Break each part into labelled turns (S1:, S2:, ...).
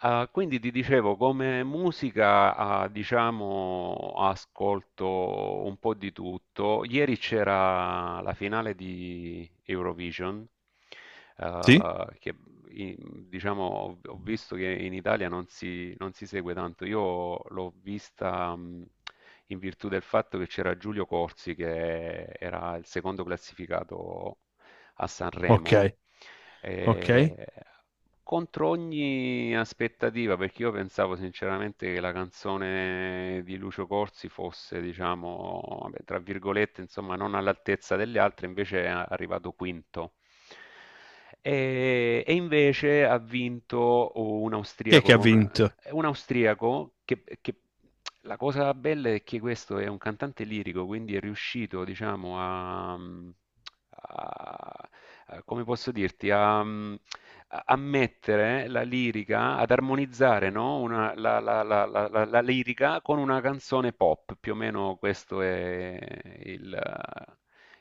S1: Quindi ti dicevo, come musica, diciamo, ascolto un po' di tutto. Ieri c'era la finale di Eurovision,
S2: Sì?
S1: ah, che diciamo, ho visto che in Italia non si segue tanto. Io l'ho vista, in virtù del fatto che c'era Giulio Corsi, che era il secondo classificato a
S2: Ok,
S1: Sanremo,
S2: ok.
S1: eh, contro ogni aspettativa, perché io pensavo sinceramente che la canzone di Lucio Corsi fosse, diciamo, vabbè, tra virgolette, insomma, non all'altezza delle altre. Invece è arrivato quinto. E invece ha vinto un
S2: Chi è
S1: austriaco
S2: che ha
S1: con
S2: vinto?
S1: è un austriaco che, la cosa bella è che questo è un cantante lirico, quindi è riuscito, diciamo, come posso dirti, a mettere la lirica, ad armonizzare, no? La lirica con una canzone pop, più o meno questo è il,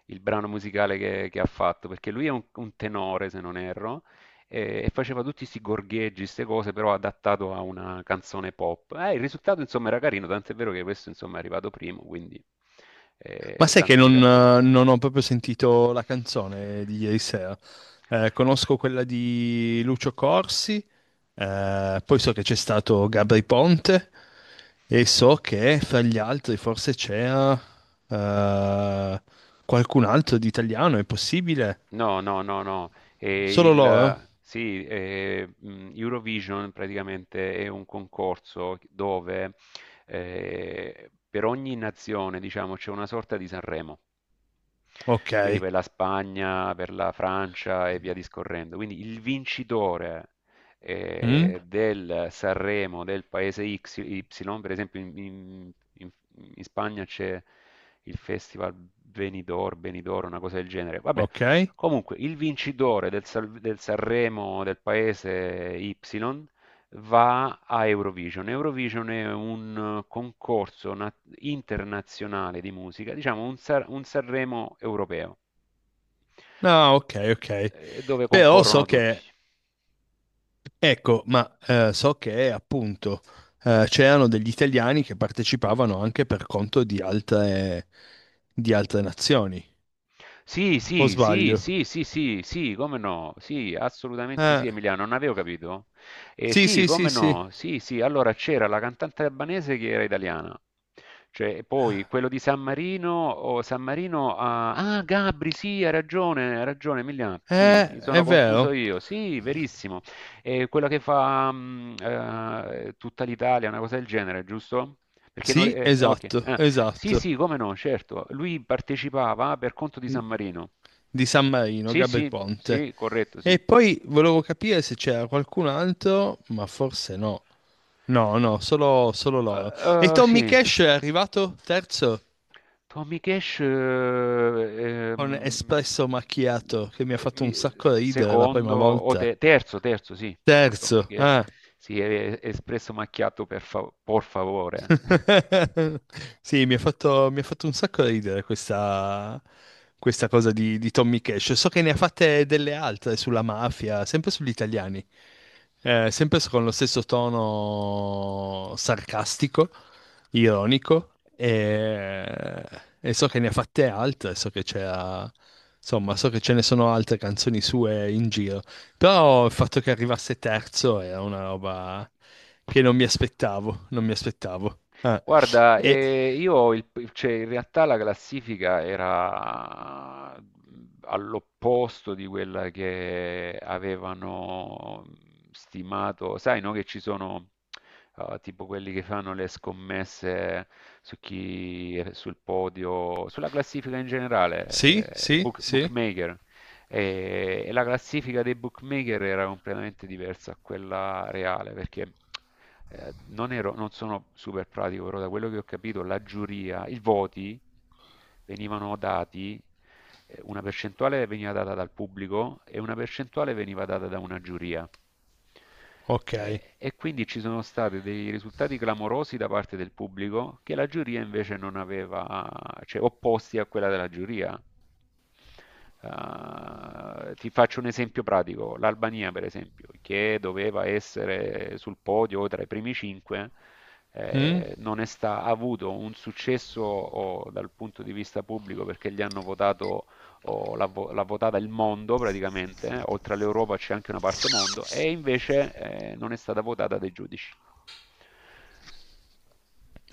S1: il brano musicale che, ha fatto, perché lui è un tenore, se non erro, e faceva tutti questi gorgheggi, queste cose, però adattato a una canzone pop. Il risultato, insomma, era carino, tant'è vero che questo, insomma, è arrivato primo, quindi
S2: Ma sai che
S1: tanto di
S2: non,
S1: cappello.
S2: non ho proprio sentito la canzone di ieri sera. Conosco quella di Lucio Corsi, poi so che c'è stato Gabri Ponte e so che fra gli altri forse c'era eh, qualcun altro di italiano, è possibile?
S1: No, no, no, no.
S2: Solo loro?
S1: Sì, Eurovision praticamente è un concorso dove per ogni nazione, diciamo, c'è una sorta di Sanremo.
S2: Ok.
S1: Quindi per la Spagna, per la Francia e via discorrendo. Quindi il vincitore
S2: Mm?
S1: del Sanremo del paese Y, per esempio in Spagna c'è il festival Benidorm, Benidorm, una cosa del genere. Vabbè,
S2: Ok.
S1: comunque il vincitore del Sanremo del paese Y va a Eurovision. Eurovision è un concorso internazionale di musica, diciamo un Sanremo europeo,
S2: No, ok, ok.
S1: dove
S2: Però so
S1: concorrono tutti.
S2: che, ecco, ma so che appunto c'erano degli italiani che partecipavano anche per conto di altre nazioni,
S1: Sì,
S2: o
S1: sì, sì,
S2: sbaglio?
S1: sì, sì, sì, sì, come no? Sì, assolutamente sì,
S2: Eh,
S1: Emiliano, non avevo capito.
S2: sì,
S1: Sì,
S2: sì, sì,
S1: come
S2: sì.
S1: no? Sì, sì, allora c'era la cantante albanese che era italiana. Cioè, poi quello di San Marino, o San Marino, Gabri, sì, hai ragione, Emiliano, sì, mi sono
S2: È
S1: confuso
S2: vero.
S1: io, sì, verissimo. Quella che fa tutta l'Italia, una cosa del genere, giusto? Perché non... re-
S2: Sì,
S1: Ok.
S2: esatto,
S1: Sì,
S2: esatto.
S1: sì, come no, certo. Lui partecipava per conto di
S2: Mm.
S1: San Marino.
S2: Di San Marino,
S1: Sì,
S2: Gabri
S1: sì,
S2: Ponte.
S1: sì, corretto, sì.
S2: E poi volevo capire se c'era qualcun altro, ma forse no. No, no, solo, solo loro. E Tommy
S1: Sì.
S2: Cash è arrivato terzo?
S1: Tommy Cash,
S2: Con espresso macchiato che mi ha
S1: eh,
S2: fatto un
S1: mi-
S2: sacco ridere la prima
S1: secondo o
S2: volta.
S1: te- terzo, terzo, sì. Tommy
S2: Terzo,
S1: Cash
S2: ah.
S1: si è espresso macchiato per por favore.
S2: Sì, mi ha fatto un sacco ridere questa, questa cosa di Tommy Cash. So che ne ha fatte delle altre sulla mafia, sempre sugli italiani, sempre con lo stesso tono sarcastico, ironico, e so che ne ha fatte altre, so che c'era, insomma, so che ce ne sono altre canzoni sue in giro. Però il fatto che arrivasse terzo era una roba che non mi aspettavo, non mi aspettavo. Ah,
S1: Guarda,
S2: e
S1: io cioè, in realtà la classifica era all'opposto di quella che avevano stimato. Sai, no, che ci sono tipo quelli che fanno le scommesse su chi è sul podio, sulla classifica in generale,
S2: sì,
S1: i
S2: sì, sì.
S1: bookmaker. E la classifica dei bookmaker era completamente diversa a quella reale, perché non sono super pratico, però da quello che ho capito, la giuria, i voti venivano dati, una percentuale veniva data dal pubblico e una percentuale veniva data da una giuria.
S2: Ok.
S1: E quindi ci sono stati dei risultati clamorosi da parte del pubblico che la giuria invece non aveva, cioè opposti a quella della giuria. Ti faccio un esempio pratico. L'Albania per esempio, che doveva essere sul podio o tra i primi cinque,
S2: Mm.
S1: non è sta- ha avuto un successo, dal punto di vista pubblico, perché gli hanno votato, l'ha votata il mondo praticamente, oltre all'Europa c'è anche una parte mondo, e invece non è stata votata dai giudici.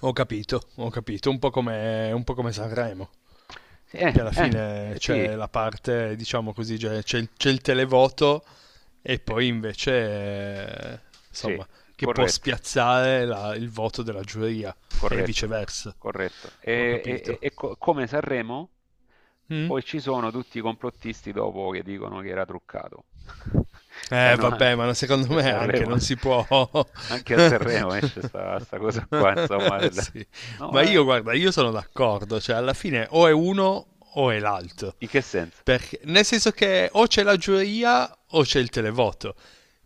S2: Ho capito, ho capito. Un po' come Sanremo,
S1: Sì,
S2: che alla fine
S1: sì,
S2: c'è la parte, diciamo così, c'è, c'è il televoto e
S1: Eh,
S2: poi invece, eh,
S1: sì,
S2: insomma, che può
S1: corretto.
S2: spiazzare la il voto della giuria e
S1: Corretto,
S2: viceversa.
S1: corretto.
S2: Ho capito.
S1: Come Sanremo,
S2: Mm.
S1: poi ci sono tutti i complottisti dopo che dicono che era truccato. Sai, no,
S2: Vabbè, ma secondo
S1: anche a
S2: me anche
S1: Sanremo,
S2: non si può.
S1: anche a Sanremo esce sta cosa qua, insomma.
S2: Sì. Ma
S1: No,
S2: io, guarda, io sono d'accordo, cioè alla fine o è uno o è l'altro.
S1: in che senso?
S2: Perché, nel senso che o c'è la giuria o c'è il televoto.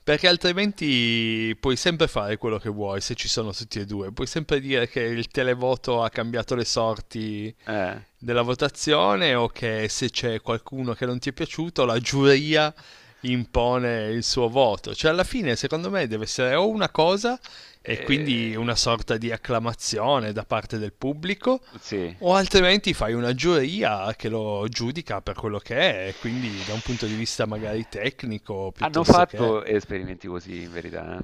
S2: Perché altrimenti puoi sempre fare quello che vuoi se ci sono tutti e due. Puoi sempre dire che il televoto ha cambiato le sorti
S1: Eh.
S2: della votazione o che se c'è qualcuno che non ti è piaciuto, la giuria impone il suo voto. Cioè, alla fine, secondo me, deve essere o una cosa, e quindi una
S1: Eh,
S2: sorta di acclamazione da parte del pubblico,
S1: sì.
S2: o altrimenti fai una giuria che lo giudica per quello che è, e quindi da un punto di vista magari tecnico
S1: Hanno
S2: piuttosto che...
S1: fatto esperimenti così, in verità, eh.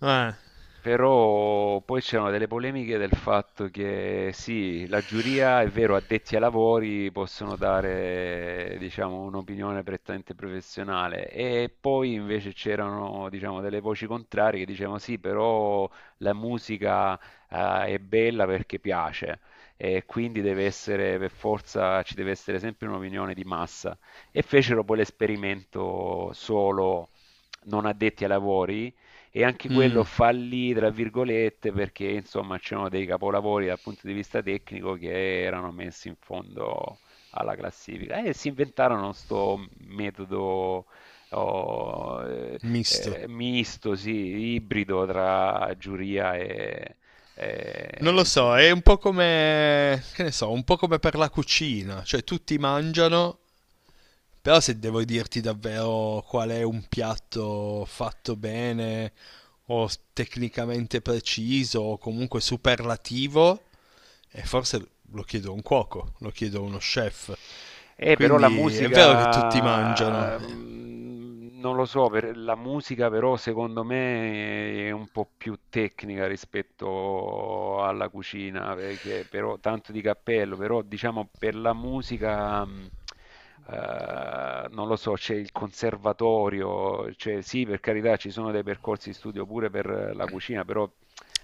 S2: Eh,
S1: Però poi c'erano delle polemiche del fatto che sì, la giuria è vero, addetti ai lavori possono dare, diciamo, un'opinione prettamente professionale, e poi invece c'erano, diciamo, delle voci contrarie che dicevano sì, però la musica, è bella perché piace, e quindi deve essere, per forza, ci deve essere sempre un'opinione di massa. E fecero poi l'esperimento solo non addetti ai lavori, e anche quello
S2: mm,
S1: fallì, tra virgolette, perché insomma c'erano dei capolavori dal punto di vista tecnico che erano messi in fondo alla classifica. E si inventarono sto metodo oh, eh,
S2: misto.
S1: misto, sì, ibrido tra giuria
S2: Non lo so,
S1: insomma.
S2: è un po' come... che ne so, un po' come per la cucina, cioè tutti mangiano. Però se devo dirti davvero qual è un piatto fatto bene o s- tecnicamente preciso o comunque superlativo, e forse lo chiedo a un cuoco, lo chiedo a uno chef.
S1: Però la
S2: Quindi è vero che tutti mangiano.
S1: musica, non lo so, la musica però secondo me è un po' più tecnica rispetto alla cucina, perché però tanto di cappello, però diciamo per la musica, non lo so, c'è il conservatorio, cioè sì, per carità ci sono dei percorsi di studio pure per la cucina, però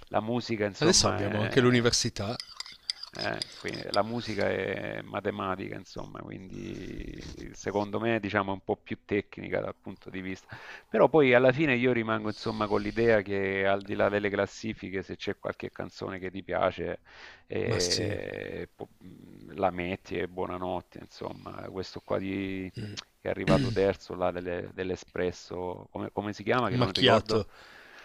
S1: la musica
S2: Adesso
S1: insomma
S2: abbiamo anche
S1: è.
S2: l'università,
S1: La musica è matematica, insomma, quindi secondo me, diciamo, è un po' più tecnica dal punto di vista. Però poi alla fine io rimango, insomma, con l'idea che al di là delle classifiche, se c'è qualche canzone che ti piace,
S2: ma sì.
S1: eh, po- la metti e buonanotte, insomma. Questo qua che è arrivato terzo, là, dell'Espresso, come si chiama, che non ricordo.
S2: Macchiato,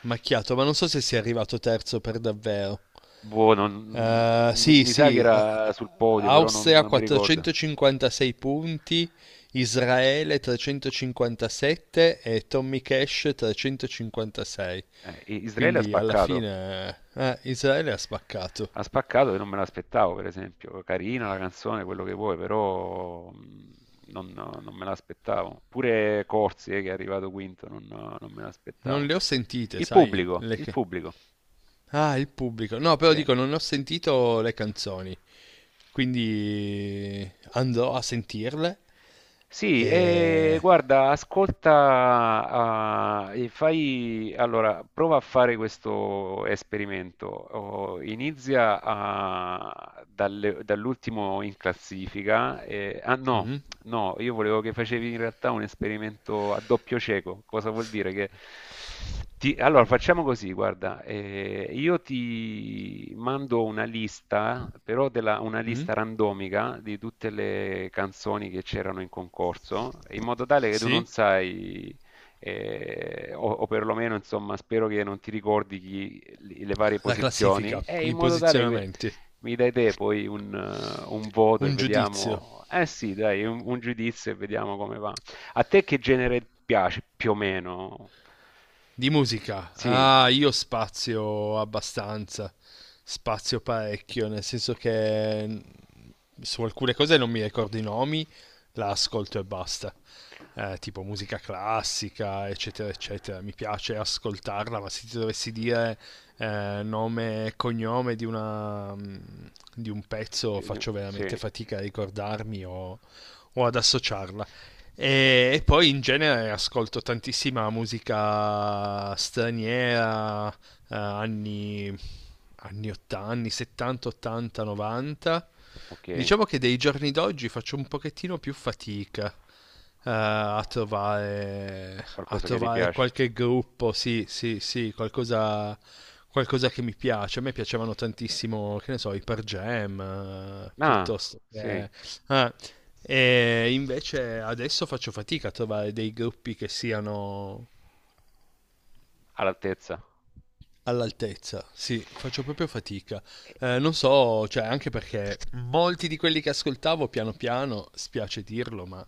S2: macchiato, ma non so se sia arrivato terzo per davvero.
S1: Boh,
S2: Sì,
S1: mi sa che
S2: sì,
S1: era sul podio, però
S2: Austria
S1: non mi ricordo.
S2: 456 punti, Israele 357 e Tommy Cash 356.
S1: Israele ha
S2: Quindi alla
S1: spaccato,
S2: fine Israele ha spaccato.
S1: ha spaccato, e non me l'aspettavo, per esempio. Carina la canzone, quello che vuoi, però non, no, non me l'aspettavo. Pure Corsi, che è arrivato quinto, non, no, non me
S2: Non
S1: l'aspettavo.
S2: le ho sentite, sai? Le
S1: Il
S2: ca-
S1: pubblico,
S2: ah, il pubblico. No, però
S1: sì.
S2: dico, non ho sentito le canzoni. Quindi andrò a sentirle.
S1: Sì, e
S2: E...
S1: guarda, ascolta, e fai, allora, prova a fare questo esperimento. Oh, Inizia dall'ultimo in classifica, no.
S2: mm,
S1: No, io volevo che facevi in realtà un esperimento a doppio cieco. Cosa vuol dire? Allora, facciamo così, guarda, io ti mando una lista, però una
S2: mm,
S1: lista randomica di tutte le canzoni che c'erano in concorso, in modo tale che tu non
S2: sì,
S1: sai, o perlomeno, insomma, spero che non ti ricordi le varie
S2: la
S1: posizioni,
S2: classifica,
S1: e in
S2: i
S1: modo tale che
S2: posizionamenti.
S1: mi dai te poi un voto e
S2: Un giudizio.
S1: vediamo. Eh sì, dai, un giudizio e vediamo come va. A te che genere piace più o meno?
S2: Di musica.
S1: Sì,
S2: Ah, io spazio abbastanza. Spazio parecchio, nel senso che mm, su alcune cose non mi ricordo i nomi, la ascolto e basta. Tipo musica classica, eccetera, eccetera. Mi piace ascoltarla, ma se ti dovessi dire nome e cognome di una, mm, di un pezzo, faccio veramente
S1: sì,
S2: fatica a ricordarmi o ad associarla.
S1: O-
S2: E poi in genere ascolto tantissima musica straniera, anni, anni 80, anni 70, 80, 90.
S1: ok.
S2: Diciamo che dei giorni d'oggi faccio un pochettino più fatica a
S1: Qualcosa che ti
S2: trovare
S1: piace?
S2: qualche gruppo, sì, sì, sì, qualcosa, qualcosa che mi piace. A me piacevano tantissimo, che ne so, i Per Jam,
S1: Ah,
S2: piuttosto
S1: sì,
S2: che... eh, e invece adesso faccio fatica a trovare dei gruppi che siano
S1: all'altezza.
S2: all'altezza. Sì, faccio proprio fatica.
S1: E
S2: Non so, cioè, anche perché molti di quelli che ascoltavo piano piano, spiace dirlo, ma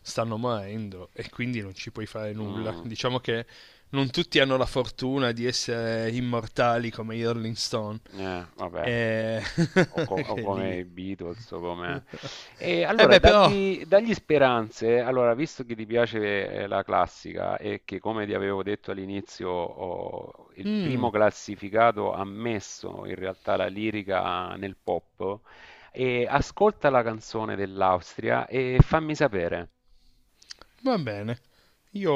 S2: stanno morendo e quindi non ci puoi fare nulla.
S1: Mh,
S2: Diciamo che non tutti hanno la fortuna di essere immortali come i Rolling Stone.
S1: vabbè,
S2: E...
S1: o
S2: che
S1: come
S2: lì.
S1: i Beatles, o come, e
S2: Eh
S1: allora
S2: beh, però.
S1: dagli dagli speranze. Allora, visto che ti piace, la classica, e che come ti avevo detto all'inizio, ho il
S2: Mm.
S1: primo classificato ha messo in realtà la lirica nel pop, ascolta la canzone dell'Austria e fammi sapere.
S2: Va bene. Io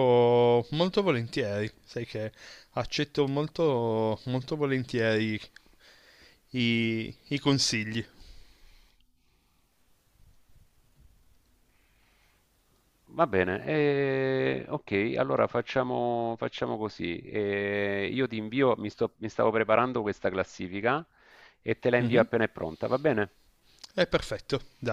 S2: molto volentieri, sai che accetto molto, molto volentieri i, i consigli.
S1: Va bene, ok, allora facciamo così. Io ti invio, mi stavo preparando questa classifica e te la invio
S2: Mhm.
S1: appena è pronta, va bene?
S2: È perfetto, dai.